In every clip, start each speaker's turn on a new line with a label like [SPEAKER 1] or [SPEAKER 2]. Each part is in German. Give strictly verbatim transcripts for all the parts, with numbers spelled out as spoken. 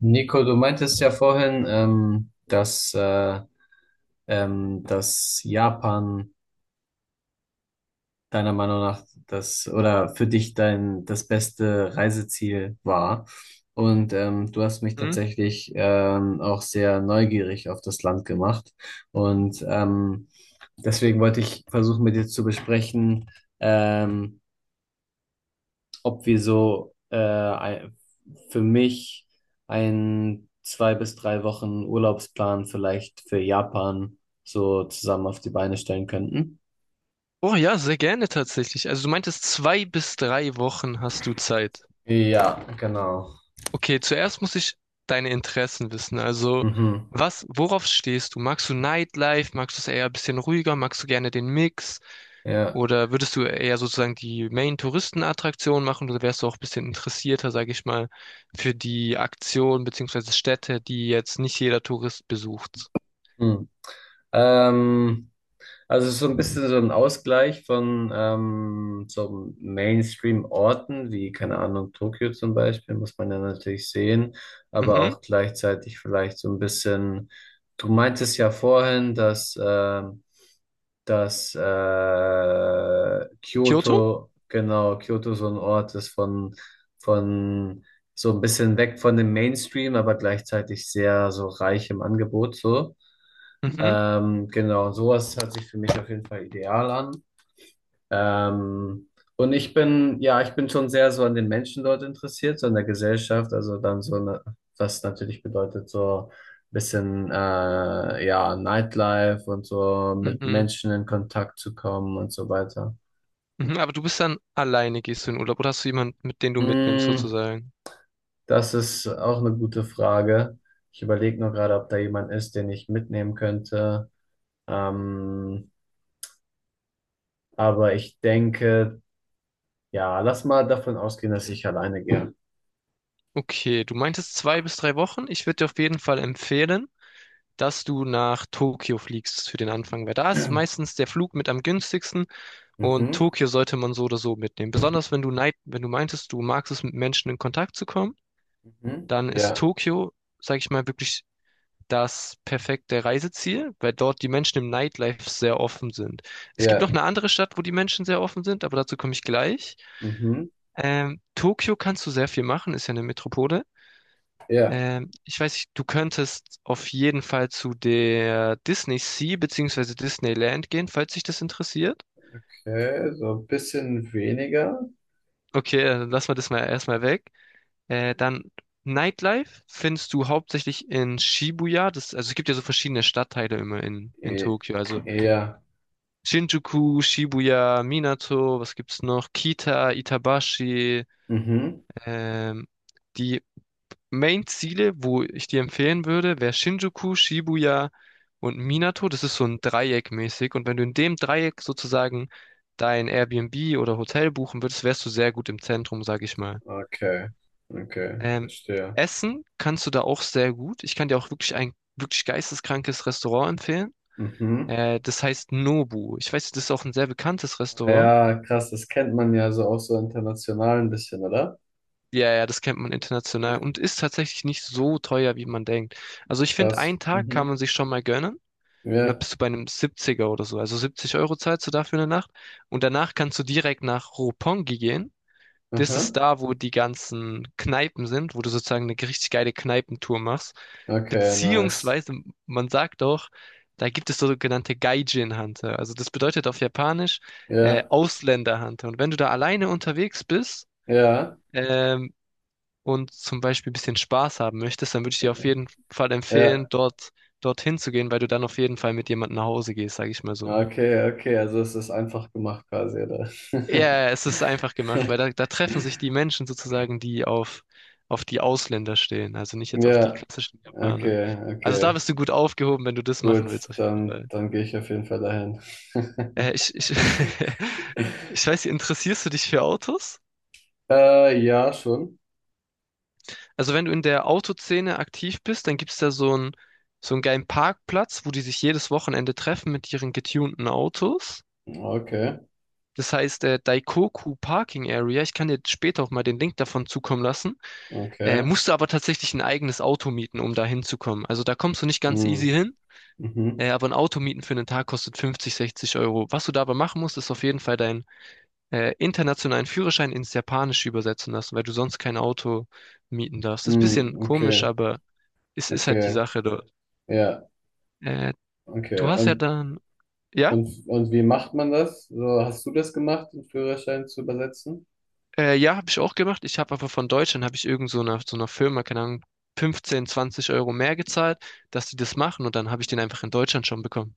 [SPEAKER 1] Nico, du meintest ja vorhin, ähm, dass, äh, ähm, dass Japan deiner Meinung nach das oder für dich dein das beste Reiseziel war. Und ähm, du hast mich
[SPEAKER 2] Mhm.
[SPEAKER 1] tatsächlich ähm, auch sehr neugierig auf das Land gemacht. Und ähm, deswegen wollte ich versuchen, mit dir zu besprechen, ähm, ob wir so äh, ein- für mich ein zwei bis drei Wochen Urlaubsplan vielleicht für Japan so zusammen auf die Beine stellen könnten.
[SPEAKER 2] Oh ja, sehr gerne tatsächlich. Also du meintest, zwei bis drei Wochen hast du Zeit.
[SPEAKER 1] Ja, genau.
[SPEAKER 2] Okay, zuerst muss ich deine Interessen wissen. Also
[SPEAKER 1] Mhm.
[SPEAKER 2] was, worauf stehst du? Magst du Nightlife? Magst du es eher ein bisschen ruhiger? Magst du gerne den Mix?
[SPEAKER 1] Ja.
[SPEAKER 2] Oder würdest du eher sozusagen die Main-Touristenattraktion machen? Oder wärst du auch ein bisschen interessierter, sage ich mal, für die Aktion beziehungsweise Städte, die jetzt nicht jeder Tourist besucht?
[SPEAKER 1] Hm. Ähm, also so ein bisschen so ein Ausgleich von ähm, so Mainstream-Orten wie, keine Ahnung, Tokio zum Beispiel, muss man ja natürlich sehen, aber
[SPEAKER 2] Mhm.
[SPEAKER 1] auch gleichzeitig vielleicht so ein bisschen, du meintest ja vorhin, dass ähm, dass äh,
[SPEAKER 2] Kyoto?
[SPEAKER 1] Kyoto, genau, Kyoto so ein Ort ist von, von so ein bisschen weg von dem Mainstream, aber gleichzeitig sehr so reich im Angebot so.
[SPEAKER 2] Mhm.
[SPEAKER 1] Ähm, genau, sowas hört sich für mich auf jeden Fall ideal an. Ähm, und ich bin, ja, ich bin schon sehr so an den Menschen dort interessiert, so an der Gesellschaft, also dann so, ne, was natürlich bedeutet, so ein bisschen, äh, ja, Nightlife und so mit
[SPEAKER 2] Mhm.
[SPEAKER 1] Menschen in Kontakt zu kommen und so weiter.
[SPEAKER 2] Mhm, aber du bist dann alleine, gehst du in Urlaub oder hast du jemanden, mit den du mitnimmst
[SPEAKER 1] Mm,
[SPEAKER 2] sozusagen?
[SPEAKER 1] das ist auch eine gute Frage. Ich überlege nur gerade, ob da jemand ist, den ich mitnehmen könnte. Ähm, aber ich denke, ja, lass mal davon ausgehen, dass ich alleine gehe.
[SPEAKER 2] Okay, du meintest zwei bis drei Wochen. Ich würde dir auf jeden Fall empfehlen, dass du nach Tokio fliegst für den Anfang, weil da ist meistens der Flug mit am günstigsten und
[SPEAKER 1] Mhm,
[SPEAKER 2] Tokio sollte man so oder so mitnehmen. Besonders wenn du neid, wenn du meintest, du magst es mit Menschen in Kontakt zu kommen,
[SPEAKER 1] mhm,
[SPEAKER 2] dann ist
[SPEAKER 1] ja,
[SPEAKER 2] Tokio, sag ich mal, wirklich das perfekte Reiseziel, weil dort die Menschen im Nightlife sehr offen sind. Es gibt noch
[SPEAKER 1] ja.
[SPEAKER 2] eine andere Stadt, wo die Menschen sehr offen sind, aber dazu komme ich gleich.
[SPEAKER 1] Mhm.
[SPEAKER 2] Ähm, Tokio kannst du sehr viel machen, ist ja eine Metropole.
[SPEAKER 1] Ja,
[SPEAKER 2] Ähm, ich weiß nicht, du könntest auf jeden Fall zu der Disney Sea bzw. Disneyland gehen, falls dich das interessiert.
[SPEAKER 1] okay. So ein bisschen weniger.
[SPEAKER 2] Okay, dann lassen wir das mal erstmal weg. Äh, dann Nightlife findest du hauptsächlich in Shibuya. Das, also es gibt ja so verschiedene Stadtteile immer in, in
[SPEAKER 1] E
[SPEAKER 2] Tokio. Also
[SPEAKER 1] Eher.
[SPEAKER 2] Shinjuku, Shibuya, Minato, was gibt's noch? Kita, Itabashi,
[SPEAKER 1] Mhm.
[SPEAKER 2] ähm, die Main-Ziele, wo ich dir empfehlen würde, wäre Shinjuku, Shibuya und Minato. Das ist so ein Dreieck mäßig. Und wenn du in dem Dreieck sozusagen dein Airbnb oder Hotel buchen würdest, wärst du sehr gut im Zentrum, sag ich mal.
[SPEAKER 1] Okay. Okay,
[SPEAKER 2] Ähm,
[SPEAKER 1] verstehe.
[SPEAKER 2] Essen kannst du da auch sehr gut. Ich kann dir auch wirklich ein wirklich geisteskrankes Restaurant empfehlen.
[SPEAKER 1] Mhm.
[SPEAKER 2] Äh, das heißt Nobu. Ich weiß, das ist auch ein sehr bekanntes Restaurant.
[SPEAKER 1] Ja, krass, das kennt man ja so auch so international ein bisschen, oder?
[SPEAKER 2] Ja, ja, das kennt man international und ist tatsächlich nicht so teuer, wie man denkt. Also ich finde,
[SPEAKER 1] Das.
[SPEAKER 2] einen Tag kann
[SPEAKER 1] Mhm.
[SPEAKER 2] man sich schon mal gönnen. Und da
[SPEAKER 1] Ja.
[SPEAKER 2] bist du bei einem siebziger oder so. Also siebzig Euro zahlst du dafür eine Nacht. Und danach kannst du direkt nach Roppongi gehen. Das
[SPEAKER 1] Aha.
[SPEAKER 2] ist da, wo die ganzen Kneipen sind, wo du sozusagen eine richtig geile Kneipentour machst.
[SPEAKER 1] Okay, nice.
[SPEAKER 2] Beziehungsweise, man sagt auch, da gibt es sogenannte Gaijin-Hunter. Also das bedeutet auf Japanisch äh,
[SPEAKER 1] Ja.
[SPEAKER 2] Ausländer-Hunter. Und wenn du da alleine unterwegs bist,
[SPEAKER 1] Ja.
[SPEAKER 2] ähm, und zum Beispiel ein bisschen Spaß haben möchtest, dann würde ich dir auf jeden Fall empfehlen,
[SPEAKER 1] Ja.
[SPEAKER 2] dort dorthin zu gehen, weil du dann auf jeden Fall mit jemandem nach Hause gehst, sage ich mal so.
[SPEAKER 1] Okay, okay. Also es ist einfach gemacht quasi, oder?
[SPEAKER 2] Ja, es ist einfach gemacht, weil da, da treffen sich die Menschen sozusagen, die auf, auf die Ausländer stehen, also nicht jetzt auf die
[SPEAKER 1] Ja,
[SPEAKER 2] klassischen
[SPEAKER 1] okay,
[SPEAKER 2] Japaner. Also da
[SPEAKER 1] okay.
[SPEAKER 2] bist du gut aufgehoben, wenn du das
[SPEAKER 1] Gut,
[SPEAKER 2] machen willst, auf jeden
[SPEAKER 1] dann,
[SPEAKER 2] Fall.
[SPEAKER 1] dann gehe ich auf jeden Fall dahin.
[SPEAKER 2] Äh, ich, ich, ich weiß nicht, interessierst du dich für Autos?
[SPEAKER 1] Äh, ja, schon.
[SPEAKER 2] Also wenn du in der Autoszene aktiv bist, dann gibt es da so einen, so einen geilen Parkplatz, wo die sich jedes Wochenende treffen mit ihren getunten Autos.
[SPEAKER 1] Okay,
[SPEAKER 2] Das heißt, äh, Daikoku Parking Area. Ich kann dir später auch mal den Link davon zukommen lassen. Äh,
[SPEAKER 1] okay.
[SPEAKER 2] musst du aber tatsächlich ein eigenes Auto mieten, um da hinzukommen. Also da kommst du nicht ganz easy
[SPEAKER 1] Mm,
[SPEAKER 2] hin,
[SPEAKER 1] mhm,
[SPEAKER 2] äh, aber ein Auto mieten für einen Tag kostet fünfzig, sechzig Euro. Was du dabei machen musst, ist auf jeden Fall deinen äh, internationalen Führerschein ins Japanische übersetzen lassen, weil du sonst kein Auto mieten darfst. Ist ein bisschen
[SPEAKER 1] mm,
[SPEAKER 2] komisch,
[SPEAKER 1] okay,
[SPEAKER 2] aber es ist halt die
[SPEAKER 1] okay,
[SPEAKER 2] Sache dort.
[SPEAKER 1] ja,
[SPEAKER 2] Äh, Du
[SPEAKER 1] okay.
[SPEAKER 2] hast ja
[SPEAKER 1] Und,
[SPEAKER 2] dann, ja,
[SPEAKER 1] und, und wie macht man das? So, hast du das gemacht, den Führerschein zu übersetzen?
[SPEAKER 2] äh, ja, habe ich auch gemacht. Ich habe aber von Deutschland, habe ich irgend so einer, so einer Firma, keine Ahnung, fünfzehn, zwanzig Euro mehr gezahlt, dass die das machen und dann habe ich den einfach in Deutschland schon bekommen.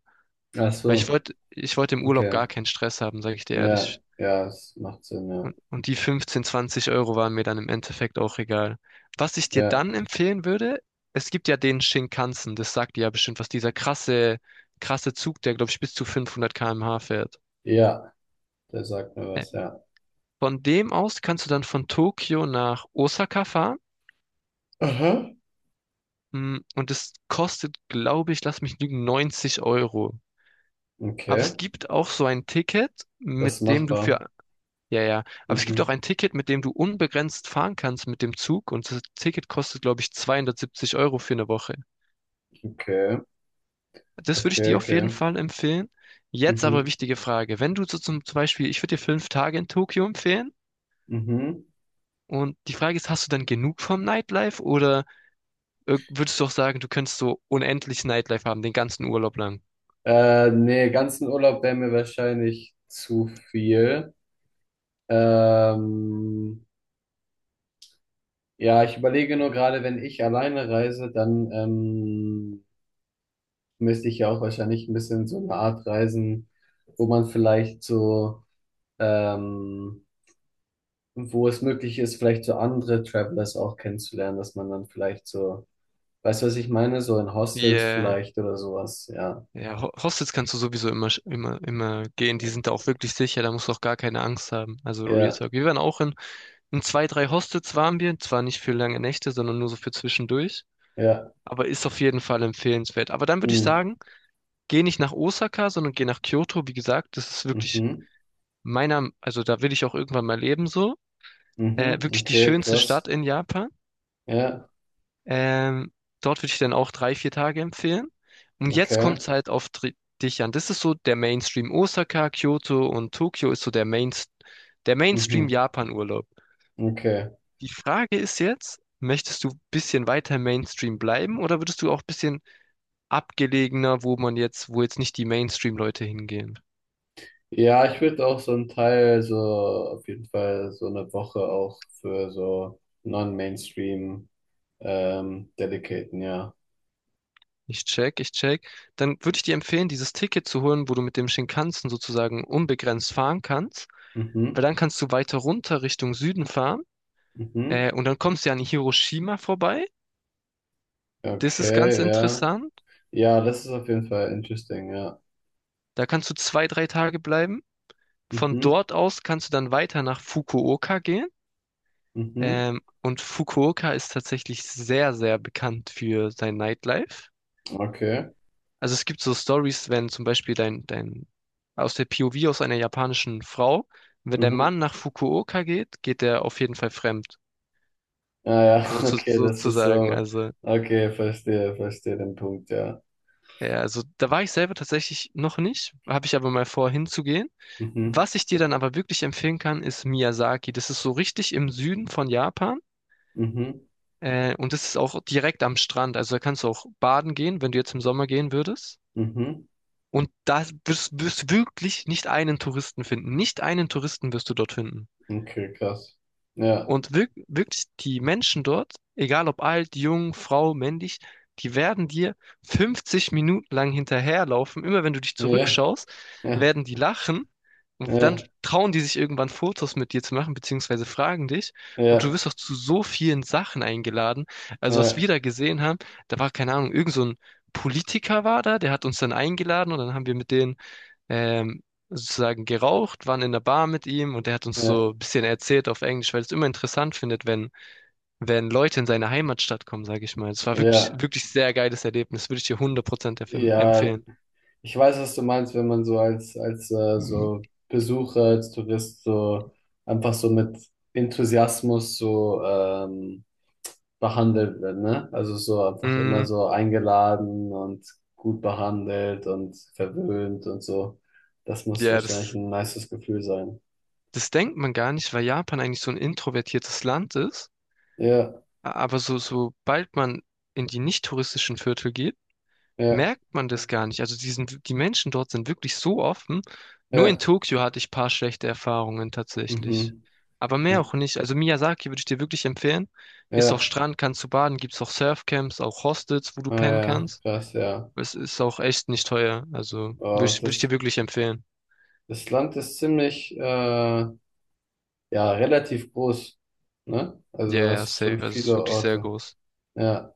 [SPEAKER 1] Ach
[SPEAKER 2] Weil ich
[SPEAKER 1] so,
[SPEAKER 2] wollte, ich wollte im Urlaub
[SPEAKER 1] okay.
[SPEAKER 2] gar keinen Stress haben, sage ich dir
[SPEAKER 1] Ja,
[SPEAKER 2] ehrlich.
[SPEAKER 1] ja, es macht Sinn, ja.
[SPEAKER 2] Und die fünfzehn, zwanzig Euro waren mir dann im Endeffekt auch egal. Was ich dir
[SPEAKER 1] Ja,
[SPEAKER 2] dann empfehlen würde, es gibt ja den Shinkansen, das sagt dir ja bestimmt was, dieser krasse, krasse Zug, der, glaube ich, bis zu fünfhundert Kilometer pro Stunde fährt.
[SPEAKER 1] ja, der sagt mir
[SPEAKER 2] Äh,
[SPEAKER 1] was, ja.
[SPEAKER 2] Von dem aus kannst du dann von Tokio nach Osaka fahren.
[SPEAKER 1] Aha.
[SPEAKER 2] Mm, Und es kostet, glaube ich, lass mich lügen, neunzig Euro. Aber
[SPEAKER 1] Okay,
[SPEAKER 2] es gibt auch so ein Ticket,
[SPEAKER 1] das ist
[SPEAKER 2] mit dem du
[SPEAKER 1] machbar.
[SPEAKER 2] für. Ja, ja. Aber es gibt auch
[SPEAKER 1] Mhm,
[SPEAKER 2] ein Ticket, mit dem du unbegrenzt fahren kannst mit dem Zug. Und das Ticket kostet, glaube ich, zweihundertsiebzig Euro für eine Woche.
[SPEAKER 1] okay,
[SPEAKER 2] Das würde ich
[SPEAKER 1] okay,
[SPEAKER 2] dir auf jeden
[SPEAKER 1] okay.
[SPEAKER 2] Fall empfehlen. Jetzt aber
[SPEAKER 1] Mhm.
[SPEAKER 2] wichtige Frage. Wenn du so zum, zum Beispiel, ich würde dir fünf Tage in Tokio empfehlen.
[SPEAKER 1] Mhm.
[SPEAKER 2] Und die Frage ist, hast du dann genug vom Nightlife oder äh, würdest du auch sagen, du könntest so unendlich Nightlife haben, den ganzen Urlaub lang?
[SPEAKER 1] Äh, nee, ganzen Urlaub wäre mir wahrscheinlich zu viel. Ähm, ja, ich überlege nur gerade, wenn ich alleine reise, dann ähm, müsste ich ja auch wahrscheinlich ein bisschen so eine Art reisen, wo man vielleicht so, ähm, wo es möglich ist, vielleicht so andere Travelers auch kennenzulernen, dass man dann vielleicht so, weißt du, was ich meine? So in Hostels
[SPEAKER 2] Yeah.
[SPEAKER 1] vielleicht oder sowas, ja.
[SPEAKER 2] Ja, Ho- Hostels kannst du sowieso immer, sch- immer, immer gehen. Die sind da auch wirklich sicher. Da musst du auch gar keine Angst haben. Also Real
[SPEAKER 1] Ja,
[SPEAKER 2] Talk. Wir waren auch in In zwei, drei Hostels waren wir, zwar nicht für lange Nächte, sondern nur so für zwischendurch,
[SPEAKER 1] ja.
[SPEAKER 2] aber ist auf jeden Fall empfehlenswert. Aber dann würde ich
[SPEAKER 1] Mhm.
[SPEAKER 2] sagen, geh nicht nach Osaka, sondern geh nach Kyoto. Wie gesagt, das ist wirklich
[SPEAKER 1] Mhm.
[SPEAKER 2] meiner, also da will ich auch irgendwann mal leben so. Äh,
[SPEAKER 1] Mhm,
[SPEAKER 2] wirklich die
[SPEAKER 1] okay,
[SPEAKER 2] schönste Stadt
[SPEAKER 1] krass.
[SPEAKER 2] in Japan.
[SPEAKER 1] Ja,
[SPEAKER 2] Ähm, dort würde ich dann auch drei, vier Tage empfehlen. Und jetzt
[SPEAKER 1] okay.
[SPEAKER 2] kommt es halt auf dri- dich an. Das ist so der Mainstream. Osaka, Kyoto und Tokio ist so der Main, der Mainstream
[SPEAKER 1] Mhm,
[SPEAKER 2] Japan-Urlaub.
[SPEAKER 1] okay.
[SPEAKER 2] Die Frage ist jetzt, möchtest du ein bisschen weiter Mainstream bleiben oder würdest du auch ein bisschen abgelegener, wo man jetzt, wo jetzt nicht die Mainstream-Leute hingehen?
[SPEAKER 1] Ja, ich würde auch so einen Teil, so auf jeden Fall so eine Woche auch für so Non-Mainstream ähm, dedicaten, ja.
[SPEAKER 2] Ich check, ich check. Dann würde ich dir empfehlen, dieses Ticket zu holen, wo du mit dem Shinkansen sozusagen unbegrenzt fahren kannst, weil
[SPEAKER 1] Mhm,
[SPEAKER 2] dann kannst du weiter runter Richtung Süden fahren
[SPEAKER 1] mhm.
[SPEAKER 2] äh, und dann kommst du ja an Hiroshima vorbei. Das ist ganz
[SPEAKER 1] Okay, ja.
[SPEAKER 2] interessant.
[SPEAKER 1] Ja, das ist auf jeden Fall interesting, ja.
[SPEAKER 2] Da kannst du zwei, drei Tage bleiben. Von
[SPEAKER 1] Mhm,
[SPEAKER 2] dort aus kannst du dann weiter nach Fukuoka gehen.
[SPEAKER 1] mhm.
[SPEAKER 2] Ähm, und Fukuoka ist tatsächlich sehr, sehr bekannt für sein Nightlife.
[SPEAKER 1] Okay.
[SPEAKER 2] Also es gibt so Stories, wenn zum Beispiel dein, dein, aus der P O V aus einer japanischen Frau, wenn der
[SPEAKER 1] Mhm.
[SPEAKER 2] Mann nach Fukuoka geht, geht er auf jeden Fall fremd,
[SPEAKER 1] Ah ja,
[SPEAKER 2] so zu,
[SPEAKER 1] okay, das ist
[SPEAKER 2] sozusagen.
[SPEAKER 1] so.
[SPEAKER 2] Also,
[SPEAKER 1] Okay, verstehe, verstehe den Punkt, ja.
[SPEAKER 2] ja, also da war ich selber tatsächlich noch nicht, habe ich aber mal vor, hinzugehen.
[SPEAKER 1] Mhm,
[SPEAKER 2] Was ich dir dann aber wirklich empfehlen kann, ist Miyazaki. Das ist so richtig im Süden von Japan.
[SPEAKER 1] mhm,
[SPEAKER 2] Äh, und das ist auch direkt am Strand. Also da kannst du auch baden gehen, wenn du jetzt im Sommer gehen würdest.
[SPEAKER 1] mhm.
[SPEAKER 2] Und da wirst, wirst wirklich nicht einen Touristen finden. Nicht einen Touristen wirst du dort finden.
[SPEAKER 1] Okay, krass. Ja.
[SPEAKER 2] Und wirk wirklich die Menschen dort, egal ob alt, jung, Frau, männlich, die werden dir fünfzig Minuten lang hinterherlaufen. Immer wenn du dich
[SPEAKER 1] Ja,
[SPEAKER 2] zurückschaust,
[SPEAKER 1] ja,
[SPEAKER 2] werden die lachen. Und dann
[SPEAKER 1] ja,
[SPEAKER 2] trauen die sich irgendwann Fotos mit dir zu machen, beziehungsweise fragen dich. Und du
[SPEAKER 1] ja,
[SPEAKER 2] wirst auch zu so vielen Sachen eingeladen. Also was
[SPEAKER 1] ja,
[SPEAKER 2] wir da gesehen haben, da war keine Ahnung, irgend so ein Politiker war da, der hat uns dann eingeladen und dann haben wir mit denen ähm, sozusagen geraucht, waren in der Bar mit ihm und er hat
[SPEAKER 1] ja,
[SPEAKER 2] uns
[SPEAKER 1] ja,
[SPEAKER 2] so ein bisschen erzählt auf Englisch, weil er es immer interessant findet, wenn, wenn Leute in seine Heimatstadt kommen, sage ich mal. Es war wirklich,
[SPEAKER 1] ja.
[SPEAKER 2] wirklich sehr geiles Erlebnis, würde ich dir hundert Prozent empf-
[SPEAKER 1] Ja,
[SPEAKER 2] empfehlen.
[SPEAKER 1] ich weiß, was du meinst, wenn man so als, als äh, so Besucher, als Tourist so einfach so mit Enthusiasmus so ähm, behandelt wird, ne? Also so einfach immer
[SPEAKER 2] Mm,
[SPEAKER 1] so eingeladen und gut behandelt und verwöhnt und so. Das muss
[SPEAKER 2] ja,
[SPEAKER 1] wahrscheinlich
[SPEAKER 2] das,
[SPEAKER 1] ein nices Gefühl sein.
[SPEAKER 2] das denkt man gar nicht, weil Japan eigentlich so ein introvertiertes Land ist.
[SPEAKER 1] Ja,
[SPEAKER 2] Aber so, sobald man in die nicht touristischen Viertel geht,
[SPEAKER 1] ja,
[SPEAKER 2] merkt man das gar nicht. Also die sind, die Menschen dort sind wirklich so offen. Nur in
[SPEAKER 1] ja,
[SPEAKER 2] Tokio hatte ich ein paar schlechte Erfahrungen tatsächlich.
[SPEAKER 1] mhm.
[SPEAKER 2] Aber mehr auch nicht. Also Miyazaki würde ich dir wirklich empfehlen. Ist auch
[SPEAKER 1] Ja,
[SPEAKER 2] Strand, kannst du baden, gibt's auch Surfcamps, auch Hostels, wo du
[SPEAKER 1] ah, ja,
[SPEAKER 2] pennen
[SPEAKER 1] ja.
[SPEAKER 2] kannst.
[SPEAKER 1] Krass, ja.
[SPEAKER 2] Es ist auch echt nicht teuer. Also würde
[SPEAKER 1] Oh,
[SPEAKER 2] ich, würd ich
[SPEAKER 1] das.
[SPEAKER 2] dir wirklich empfehlen.
[SPEAKER 1] Das Land ist ziemlich, äh, ja, relativ groß, ne? Also
[SPEAKER 2] Ja, ja,
[SPEAKER 1] das
[SPEAKER 2] safe.
[SPEAKER 1] sind
[SPEAKER 2] Also es ist
[SPEAKER 1] viele
[SPEAKER 2] wirklich sehr
[SPEAKER 1] Orte.
[SPEAKER 2] groß.
[SPEAKER 1] Ja.